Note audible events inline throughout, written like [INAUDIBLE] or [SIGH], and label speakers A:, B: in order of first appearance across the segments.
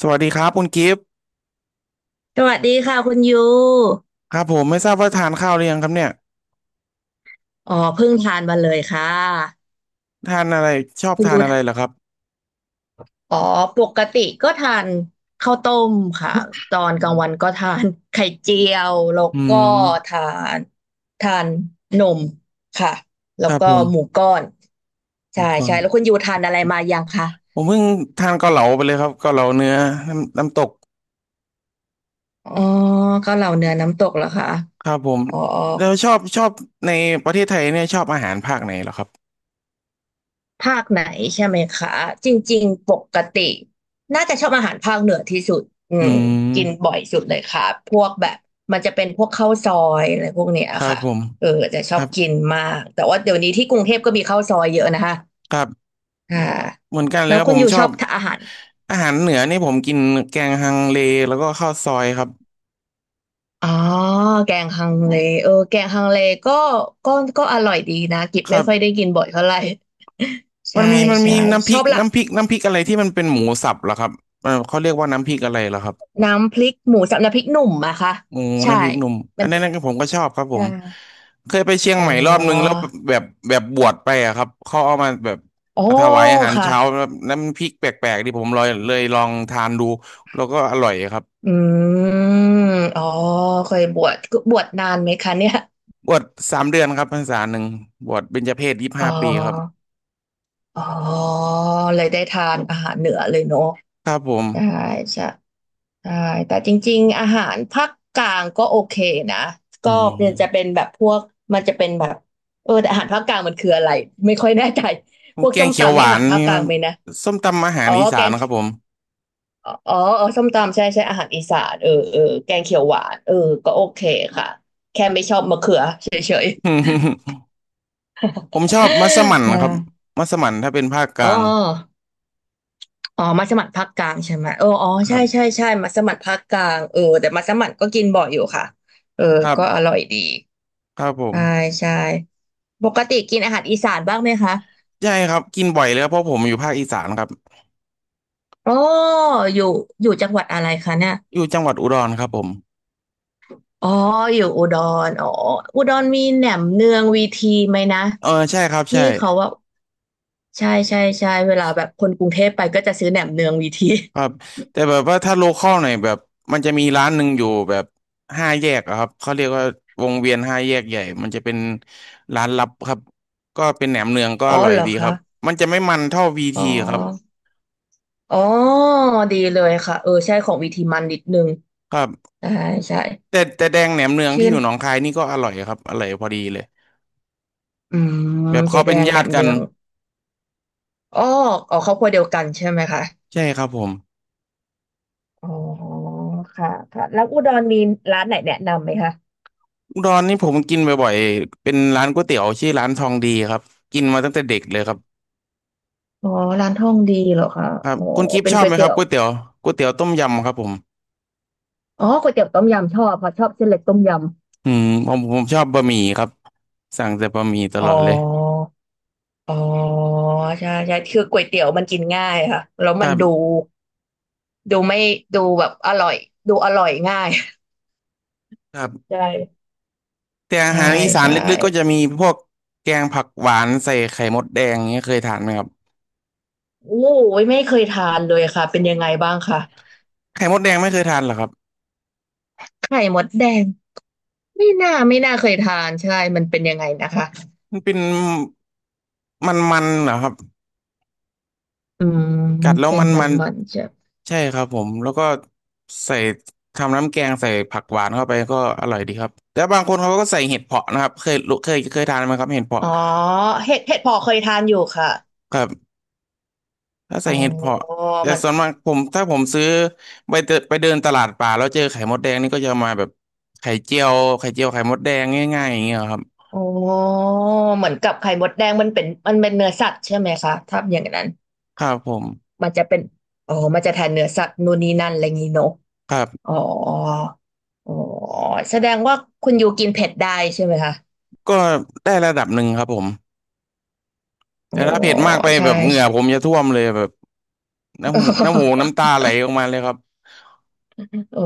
A: สวัสดีครับคุณกิฟต์
B: สวัสดีค่ะคุณยู
A: ครับผมไม่ทราบว่าทานข้าวหรือยังครับเนี่ย
B: อ๋อเพิ่งทานมาเลยค่ะ
A: ทานอะไรชอบ
B: คุณ
A: ทาน
B: ยู
A: อะไรเหรอครับ
B: อ๋อปกติก็ทานข้าวต้มค่ะตอนกลางวันก็ทาน [LAUGHS] ไข่เจียวแล้ว
A: อื
B: ก็
A: ม
B: ทานทานนมค่ะแล้
A: ค
B: ว
A: รับ
B: ก็
A: ผม
B: หมูก้อน
A: ผ
B: ใช่
A: มก่อ
B: ใช่
A: น
B: แล้วคุณยูทานอะไรมายังคะ
A: ผมเพิ่งทานเกาเหลาไปเลยครับเกาเหลาเนื้อน้ำตก
B: อ๋อเก็เหล่าเนื้อน้ำตกเหรอคะ
A: ครับผม
B: อ๋อ
A: แล้วชอบในประเทศไทยเนี่ยชอบอาหารภาคไหนเหรอครับ
B: ภาคไหนใช่ไหมคะจริงๆปกติน่าจะชอบอาหารภาคเหนือที่สุดอื
A: อื
B: มกิน
A: ม
B: บ่อยสุดเลยค่ะพวกแบบมันจะเป็นพวกข้าวซอยอะไรพวกเนี้ย
A: ครับ
B: ค่ะ
A: ผม
B: เออจะช
A: ค
B: อบ
A: รับ
B: กินมากแต่ว่าเดี๋ยวนี้ที่กรุงเทพก็มีข้าวซอยเยอะนะคะ
A: ครับ
B: อ่า
A: เหมือนกันเล
B: แล้
A: ย
B: ว
A: ครับ
B: คุ
A: ผ
B: ณ
A: ม
B: อยู่
A: ช
B: ช
A: อ
B: อ
A: บ
B: บทานอาหาร
A: อาหารเหนือนี่ผมกินแกงฮังเลแล้วก็ข้าวซอยครับ
B: อ๋อแกงฮังเลเออแกงฮังเลก็ก็ก็อร่อยดีนะกิบ
A: ค
B: ไม่
A: รับ
B: ค่อยได้กินบ่อยเท่าไหร่
A: มั
B: ใช่
A: นมีมัน
B: ใช่
A: มีน้ำพ
B: ช
A: ริ
B: อ
A: ก
B: บละ
A: น้ำพริกน้ำพริกอะไรที่มันเป็นหมูสับเหรอครับเออเขาเรียกว่าน้ำพริกอะไรเหรอครับ
B: น้ำพริกหมูสับน้ำพริกหนุ่มอะค่ะ
A: หมู
B: ใช่
A: น้ำพริกหนุ่มอั
B: มั
A: น
B: น
A: นั้
B: เป็น
A: นก็ผมก็ชอบครับผ
B: ใช่
A: มเคยไปเชียง
B: อ๋อ
A: ใหม่รอบนึงแล้วแบบแบบบวชไปอะครับเขาเอามาแบบ
B: อ๋อ
A: มาถวายอาหาร
B: ค่ะ
A: เช้าแล้น้ำพริกแปลกๆที่ผมลอยเลยลองทานดูแล้วก็อร่อยครับ
B: อืมอ๋อเคยบวชบวชนานไหมคะเนี่ย
A: บวช3 เดือนครับพรรษาหนึ่งบวชเบญจเพสยี่สิบ
B: อ๋อ
A: ห้าปีครับ
B: อ๋อเลยได้ทานอาหารเหนือเลยเนาะ
A: ครับผม
B: ได้ใช่ใช่แต่จริงๆอาหารภาคกลางก็โอเคนะ
A: อื
B: ก็มันจะเป็น
A: ม
B: แบบพวกมันจะเป็นแบบเออแต่อาหารภาคกลางมันคืออะไรไม่ค่อยแน่ใจ พวก
A: แก
B: ส้
A: ง
B: ม
A: เขียว
B: ตำ
A: ห
B: นี่
A: วา
B: อา
A: น
B: หารภาค
A: นี่
B: ก
A: ค
B: ลา
A: รั
B: ง
A: บ
B: ไหมนะ
A: ส้มตำอาหา
B: อ๋
A: ร
B: อ
A: อี
B: แก
A: สาน
B: ง
A: นะครับผม
B: อ๋อเออส้มตำใช่ใช่อาหารอีสานเออเออแกงเขียวหวานเออก็โอเคค่ะแค่ไม่ชอบมะเขือเฉย
A: [LAUGHS] ผมชอบมัส
B: ๆ
A: มั่น
B: [LAUGHS] ได้
A: ครับมัสมั่นถ้าเป็นภาคก
B: อ๋
A: ลาง
B: ออ๋อมัสมั่นภาคกลางใช่ไหมเอออ๋อ
A: ครั
B: ใช่ใช่
A: บ
B: ใช่มัสมั่นภาคกลางเออแต่มัสมั่นก็กินบ่อยอยู่ค่ะเออ
A: ครั
B: ก็อ
A: บ
B: ร่อยดี
A: ครับผม
B: ใช่ใช่ปกติกินอาหารอีสานบ้างไหมคะ
A: ใช่ครับกินบ่อยเลยครับเพราะผมอยู่ภาคอีสานครับ
B: อ๋ออยู่อยู่จังหวัดอะไรคะเนี่ย
A: อยู่จังหวัดอุดรครับผม
B: อ๋ออยู่อุดรอ๋ออุดรมีแหนมเนืองวีทีไหมนะ
A: เออใช่ครับ
B: ที่
A: ใช่
B: เขาว่า ใช่ใช่ใช่เวลาแบบคนกรุงเทพไปก็จะซื้อแหนมเนืองวีที
A: ครับ
B: [LAUGHS]
A: แต่แบบว่าถ้าโลคอลหน่อยแบบมันจะมีร้านหนึ่งอยู่แบบห้าแยกอะครับเขาเรียกว่าวงเวียนห้าแยกใหญ่มันจะเป็นร้านลับครับก็เป็นแหนมเนืองก็
B: อ๋
A: อ
B: อ
A: ร่อย
B: เหรอ
A: ดีค
B: คะ
A: รับมันจะไม่มันเท่าวี
B: อ๋
A: ทีครับ
B: ออ๋อดีเลยค่ะเออใช่ของวีทีมันนิดนึง
A: ครับ
B: ใช่ใช่
A: แต่แดงแหนมเนือง
B: ชื่
A: ที่
B: อ
A: อยู่หนองคายนี่ก็อร่อยครับอร่อยพอดีเลย
B: อืม
A: แบบ
B: เจ๊
A: เขา
B: แด
A: เป็น
B: งแห
A: ญา
B: น
A: ติ
B: ม
A: กั
B: เนื
A: น
B: องอ๋ออ๋อครอบครัวเดียวกันใช่ไหมคะ
A: ใช่ครับผม
B: อ๋อค่ะค่ะแล้วอุดรมีร้านไหนแนะนำไหมคะ
A: อุดรนี่ผมกินบ่อยๆเป็นร้านก๋วยเตี๋ยวชื่อร้านทองดีครับกินมาตั้งแต่เด็กเลยครับ
B: อ๋อร้านท่องดีเหรอคะ
A: ครับ
B: อ๋อ
A: คุณกิฟต์
B: เป็
A: ช
B: น
A: อบ
B: ก๋ว
A: ไห
B: ย
A: มค
B: เตี๋
A: รับ
B: ยว
A: ก๋วยเตี๋ยวก๋วยเตี๋ยวต้มยำครับผม
B: อ๋อก๋วยเตี๋ยวต้มยำชอบเพราะชอบเส้นเล็กต้มย
A: อืมผมชอบบะหมี่ครับสั่งแต่บะหมี่ต
B: ำอ๋
A: ลอดเลย
B: อ อ๋อใช่ใช่คือก๋วยเตี๋ยวมันกินง่ายค่ะแล้ว
A: ค
B: มัน
A: รั
B: ดู
A: บ
B: ดูไม่ดูแบบอร่อยดูอร่อยง่าย [LAUGHS]
A: ครั
B: ใช
A: บ
B: ่
A: แต่อา
B: ใช่
A: หารอีสาน
B: ใช่
A: ลึกๆก็จะมีพวกแกงผักหวานใส่ไข่มดแดงเนี้ยเคยทานไหมครับ
B: โอ้ยไม่เคยทานเลยค่ะเป็นยังไงบ้างคะ
A: ไข่มดแดงไม่เคยทานเหรอครับ
B: ไข่มดแดงไม่น่าไม่น่าเคยทานใช่มันเป็นยังไงนะคะ
A: มันเป็นมันๆเหรอครับ
B: อืม
A: กัดแล้ว
B: เป็น
A: มัน
B: มั
A: มั
B: น
A: น
B: มันใช่
A: ใช่ครับผมแล้วก็ใส่ทำน้ำแกงใส่ผักหวานเข้าไปก็อร่อยดีครับแต่บางคนเขาก็ใส่เห็ดเผาะนะครับเคยรู้เคยเคยทานไหมครับเห็ดเผาะ
B: อ๋อเห็ดเผาะเคยทานอยู่ค่ะ
A: ครับถ้าใส่
B: อ๋อ
A: เห็ดเผาะแต่
B: มัน
A: ส่วนมากผมถ้าผมซื้อไปเดินตลาดป่าแล้วเจอไข่มดแดงนี่ก็จะมาแบบไข่เจียวไข่เจียวไข่มดแดงง่ายๆอย่างเงี้ยครับ
B: อ๋อเหมือนกับไข่มดแดงมันเป็นเนื้อสัตว์ใช่ไหมคะถ้าอย่างนั้น
A: ครับผม
B: มันจะเป็นอ๋อมันจะแทนเนื้อสัตว์นู่นนี่นั่นอะไรงี้เนอะ
A: ครับ
B: อ๋ออ๋อแสดงว่าคุณยูกินเผ็ดได้ใช่ไหมคะ
A: ก็ได้ระดับหนึ่งครับผม
B: อ๋อ
A: แต่ถ้าเผ็ดมากไป
B: ใช่
A: แบบเหงื่อผมจะท่วมเลยแบบน้ำหูน้ำ
B: [LAUGHS]
A: ตาไหลออกมาเลยครับ
B: อ๋อ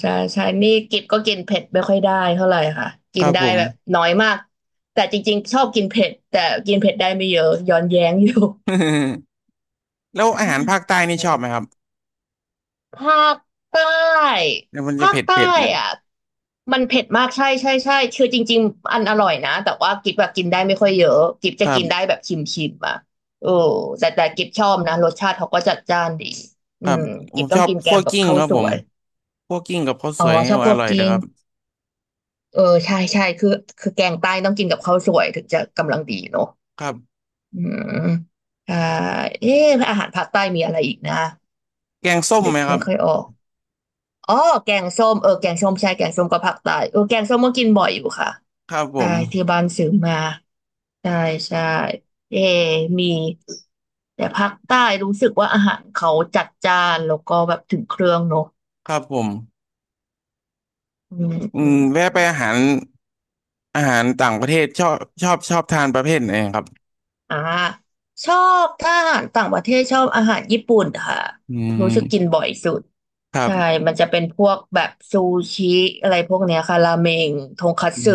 B: ใช่ใช่นี่กิบก็กินเผ็ดไม่ค่อยได้เท่าไหร่ค่ะกิ
A: ค
B: น
A: รับ
B: ได้
A: ผม
B: แบบน้อยมากแต่จริงๆชอบกินเผ็ดแต่กินเผ็ดได้ไม่เยอะย้อนแย้งอยู่
A: [LAUGHS] แล้วอาหารภาคใต้นี่ชอบไหมค
B: [LAUGHS]
A: รับ
B: ภาคใต้
A: แล้วมันจะ
B: ภาค
A: เผ็ด
B: ใต้
A: เผ็ดนะ
B: อ่ะมันเผ็ดมากใช่ใช่ใช่คือจริงๆอันอร่อยนะแต่ว่ากิ๊บแบบกินได้ไม่ค่อยเยอะกิ๊บจะ
A: ครั
B: กินได้
A: บ
B: แบบชิมชิมอ่ะเออแต่แต่กิ๊บชอบนะรสชาติเขาก็จัดจ้านดี
A: ค
B: อื
A: รับ
B: ม
A: ผ
B: กิ๊
A: ม
B: บต้
A: ช
B: อง
A: อบ
B: กินแก
A: คั่ว
B: งกับ
A: กิ้ง
B: ข้าว
A: ครับ
B: ส
A: ผ
B: ว
A: ม
B: ย
A: คั่วกิ้งกับข้าวส
B: อ๋อ
A: วยนี่
B: ชอบ
A: อ
B: คั่ว
A: ร่อย
B: ก
A: เลย
B: ลิ้ง
A: ครับ
B: เออใช่ใช่คือแกงใต้ต้องกินกับข้าวสวยถึงจะกำลังดีเนอะ
A: ครับ
B: อืมอ่าเอ๊ะอาหารภาคใต้มีอะไรอีกนะ
A: แกงส้ม
B: นึ
A: ไห
B: ก
A: มครั
B: ไม่
A: บ
B: ค่อยออก อ๋อแกงส้มเออแกงส้มใช่แกงส้มกับผักใต้เออแกงส้มก็กินบ่อยอยู่ค่ะ
A: ครับผ
B: ใช่
A: ม
B: ที่บ้านซื้อมาใช่ใช่เอมีแต่ภาคใต้รู้สึกว่าอาหารเขาจัดจ้านแล้วก็แบบถึงเครื่องเนอะ
A: ครับผม
B: อืม
A: อื
B: อื
A: ม
B: ม
A: แวะไปอาหารอาหารต่างประเทศชอบชอบทานประเภทไหนครับ
B: อ่าชอบถ้าอาหารต่างประเทศชอบอาหารญี่ปุ่นค่ะ
A: อื
B: รู้สึกกิน
A: ม
B: บ่อยสุด
A: ครั
B: ใช่
A: บ
B: มันจะเป็นพวกแบบซูชิอะไรพวกเนี้ยค่ะราเมงทงคัต
A: อื
B: สึ
A: ม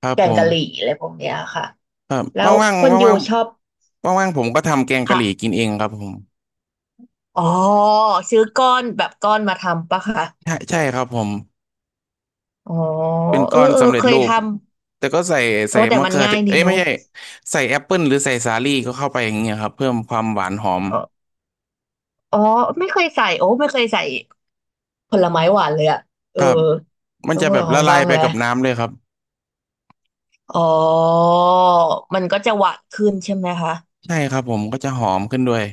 A: ครับ
B: แก
A: ผ
B: ง
A: ม
B: กะหรี่อะไรพวกเนี้ยค่ะ
A: ครับ
B: แล้ว
A: ว่าง
B: ค
A: ๆ
B: นณยู
A: ว่าง
B: ชอบ
A: ๆว่างๆผมก็ทำแกงกะ
B: ค่ะ
A: หรี่กินเองครับผม
B: อ๋อซื้อก้อนแบบก้อนมาทำปะคะ
A: ใช่ใช่ครับผม
B: อ๋อ
A: เป็น
B: เอ
A: ก้
B: อ
A: อน
B: เออ
A: สำเร็จ
B: เคย
A: รู
B: ท
A: ป
B: ำ
A: แต่ก็ใส่ใส่
B: โอ้แต่
A: มะ
B: มัน
A: เขือ
B: ง่า
A: เท
B: ย
A: ศ
B: ดี
A: เอ้ยไม่
B: เนาะ
A: ใช่ใส่แอปเปิลหรือใส่สาลี่ก็เข้าไปอย่างเงี้ยครับเพิ่มความหวานหอม
B: อ๋ออ๋อไม่เคยใส่โอ้ไม่เคยใส่ผลไม้หวานเลยอะเอ
A: ค
B: อ
A: รับมัน
B: ต้อ
A: จะ
B: ง
A: แบ
B: ล
A: บ
B: อง
A: ละลา
B: บ้า
A: ย
B: ง
A: ไป
B: แหละ
A: กับน้ำเลยครับ
B: อ๋อมันก็จะหวานขึ้นใช่ไหมคะ
A: ใช่ครับผมก็จะหอมขึ้นด้วย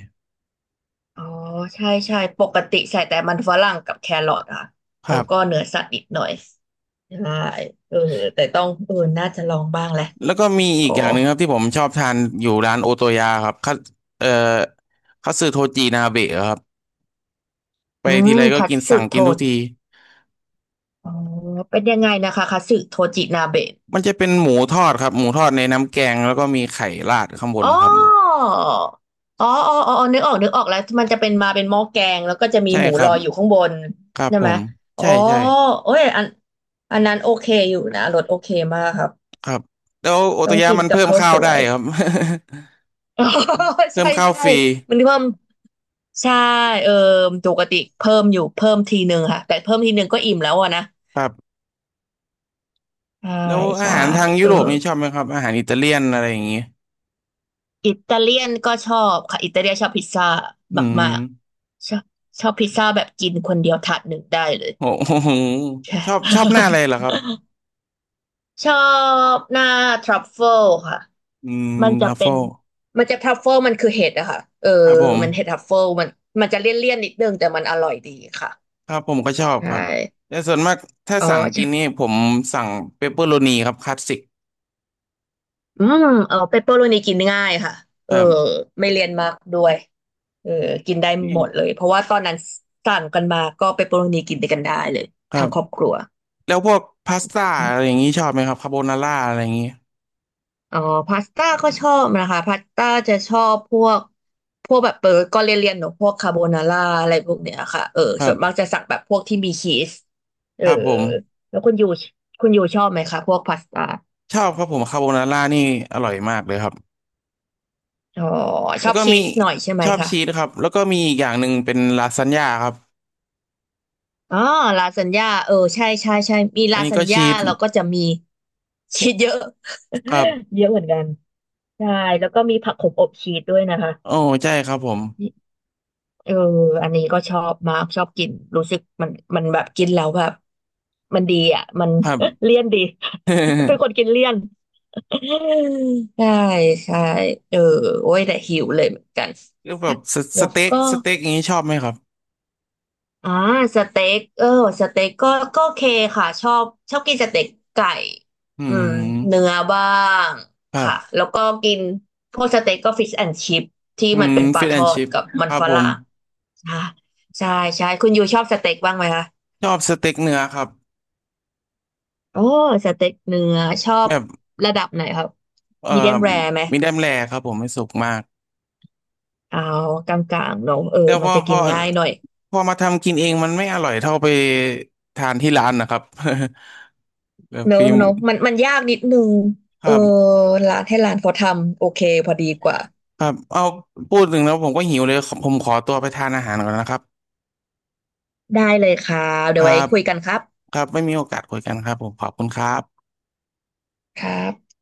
B: อ๋อใช่ใช่ปกติใส่แต่มันฝรั่งกับแครอทอะ
A: ค
B: แล้
A: รั
B: ว
A: บ
B: ก็เนื้อสัตว์นิดหน่อยใช่เออแต่ต้องน่าจะลองบ้างแหละ
A: แล้วก็มีอี
B: โอ้
A: กอย่างหนึ่งครับที่ผมชอบทานอยู่ร้านโอโตยาครับคัตเอ่อคัตสึโทจินาเบะครับไป
B: อื
A: ทีไร
B: ม
A: ก็
B: คัต
A: กิน
B: สึ
A: สั่ง
B: โท
A: กินทุกที
B: อ๋อเป็นยังไงนะคะคัตสึโทจินาเบะ
A: มันจะเป็นหมูทอดครับหมูทอดในน้ำแกงแล้วก็มีไข่ราดข้างบน
B: อ๋อ
A: ครับ
B: อ๋ออ๋ออ๋อนึกออกนึกออกแล้วมันจะเป็นมาเป็นหม้อแกงแล้วก็จะมี
A: ใช่
B: หมู
A: ครั
B: ล
A: บ
B: อยอยู่ข้างบน
A: ครับ
B: ใช่
A: ผ
B: ไหม
A: ม
B: อ๋อ
A: ใช่ใช่
B: เอ้ยอันอันนั้นโอเคอยู่นะรสโอเคมากครับ
A: ครับแล้วโอโต
B: ต้อง
A: ยะ
B: กิน
A: มัน
B: กับ
A: เพิ่ม
B: ข้าว
A: ข้า
B: ส
A: วได้
B: วย
A: ครับ
B: อ๋อ
A: [LAUGHS]
B: [LAUGHS]
A: เพิ่
B: ใช่
A: มข้าว
B: ใช่
A: ฟรี
B: มันเพิ่มใช่เออปกติเพิ่มอยู่เพิ่มทีหนึ่งค่ะแต่เพิ่มทีหนึ่งก็อิ่มแล้วอะนะ
A: ครับ
B: ใช่
A: แล้วอา
B: ใช่
A: หารทางยุ
B: เออ
A: โรปนี่ชอบไหมครับอาหารอิตาเลียนอะไรอย่างเงี้ย
B: อิตาเลียนก็ชอบค่ะอิตาเลียนชอบพิซซ่า
A: อื
B: มา
A: ม
B: กๆ ชอบพิซซ่าแบบกินคนเดียวถาดหนึ่งได้เลย
A: โอ้โห
B: [LAUGHS] ใช่
A: ชอบหน้าอะไรเหรอครับ
B: [LAUGHS] ชอบหน้าทรัฟเฟิลค่ะ
A: อืม
B: มัน
A: ท
B: จะ
A: รัฟ
B: เป็
A: เฟิ
B: น
A: ล
B: มันจะทรัฟเฟิลมันคือเห็ดอะค่ะเออ
A: ครับผม
B: มันเห็ดทรัฟเฟิลมันจะเลี่ยนๆนิดนึงแต่มันอร่อยดีค่ะ
A: ครับผมก็ชอบ
B: ใช่
A: ครับแต่ส่วนมากถ้า
B: อ๋อ
A: สั่งกิ
B: ใช่
A: นนี่ผมสั่งเปปเปอโรนีครับคลาสสิก
B: อืมเออเปปเปอโรนีกินง่ายค่ะเออไม่เลี่ยนมากด้วยเออกินได้
A: นี่
B: หมดเลยเพราะว่าตอนนั้นสั่งกันมาก็เปปเปอโรนีกินด้วยกันได้เลย
A: ครั
B: ทั้ง
A: บ
B: ครอบครัว
A: แล้วพวกพาสต้า
B: อม
A: อะไรอย่างงี้ชอบไหมครับคาโบนาร่าอะไรอย่างงี้
B: อ๋อพาสต้าก็ชอบนะคะพาสต้าจะชอบพวกแบบเออก็เลี่ยนๆเนอะพวกคาโบนาร่าอะไรพวกเนี้ยค่ะเออ
A: ครั
B: ส่วนมาก
A: บ
B: จะสั่งแบบพวกที่มีชีสเอ
A: ค
B: อ
A: รับผม
B: แล้วคุณยูชอบไหมคะพวกพาสต้า
A: ชอบครับผมคาโบนาร่านี่อร่อยมากเลยครับ
B: อ๋อช
A: แล้
B: อ
A: ว
B: บ
A: ก็
B: ชี
A: มี
B: สหน่อยใช่ไหม
A: ชอบ
B: คะ
A: ชีสครับแล้วก็มีอีกอย่างหนึ่งเป็นลาซานญ่าครับ
B: อ๋อลาซานญ่าเออใช่ใช่ใช่มี
A: อั
B: ลา
A: นนี้
B: ซา
A: ก็
B: น
A: ชี
B: ญ่า
A: ส
B: เราก็จะมีชีสเยอะ
A: ครับ
B: [LAUGHS] เยอะเหมือนกันใช่แล้วก็มีผักขมอบชีสด้วยนะคะ
A: โอ้ใช่ครับผม
B: เอออันนี้ก็ชอบมากชอบกินรู้สึกมันแบบกินแล้วแบบมันดีอ่ะมัน
A: ครับ
B: [LAUGHS] เลี่ยนดี [LAUGHS] เป็นคนกิน
A: [LAUGHS]
B: เลี่ยน [LAUGHS] ใช่ใช่เออโอ้ยแต่หิวเลยเหมือนกัน
A: แล้วแบบสส
B: แล้ว
A: เต็ก
B: ก็
A: สเต็กอย่างนี้ชอบไหมครับ
B: อ่าสเต็กเออสเต็กก็โอเคค่ะชอบชอบกินสเต็กไก่
A: อื
B: อืมเนื้
A: ม
B: อบ้าง
A: ครั
B: ค่ะ
A: บ
B: แล้วก็กินพวกสเต็กก็ฟิชแอนด์ชิพที่
A: อื
B: มัน
A: ม
B: เป็นปลา
A: ฟิช
B: ท
A: แอน
B: อด
A: ชิพ
B: กับมั
A: ค
B: น
A: รับ
B: ฝ
A: ผ
B: รั่
A: ม
B: งค่ะใช่ใช่คุณยูชอบสเต็กบ้างไหมคะ
A: ชอบสเต็กเนื้อครับ
B: โอ้สเต็กเนื้อชอบ
A: แบบ
B: ระดับไหนครับ
A: เอ่
B: มีเดียม
A: อ
B: แรร์ไหม
A: มีแดมแรครับผมไม่สุกมาก
B: เอากลางๆเนอะเออ
A: แต่พ
B: มัน
A: อ
B: จะ
A: พ
B: กิ
A: อ
B: นง่ายหน่อย
A: พอมาทำกินเองมันไม่อร่อยเท่าไปทานที่ร้านนะครับ [LAUGHS] แบบ
B: เนอะ
A: ฟิล์ม
B: เนอะมันยากนิดนึง
A: ค
B: เออ
A: รับ
B: ร้านให้ร้านเขาทำโอเคพอดีกว่า
A: ครับเอาพูดถึงแล้วผมก็หิวเลยขอผมขอตัวไปทานอาหารก่อนนะครับ
B: ได้เลยครับ
A: ค
B: เดี๋ยว
A: รั
B: ไว้
A: บ
B: คุยกันครับ
A: ครับไม่มีโอกาสคุยกันครับผมขอบคุณครับ
B: ครับ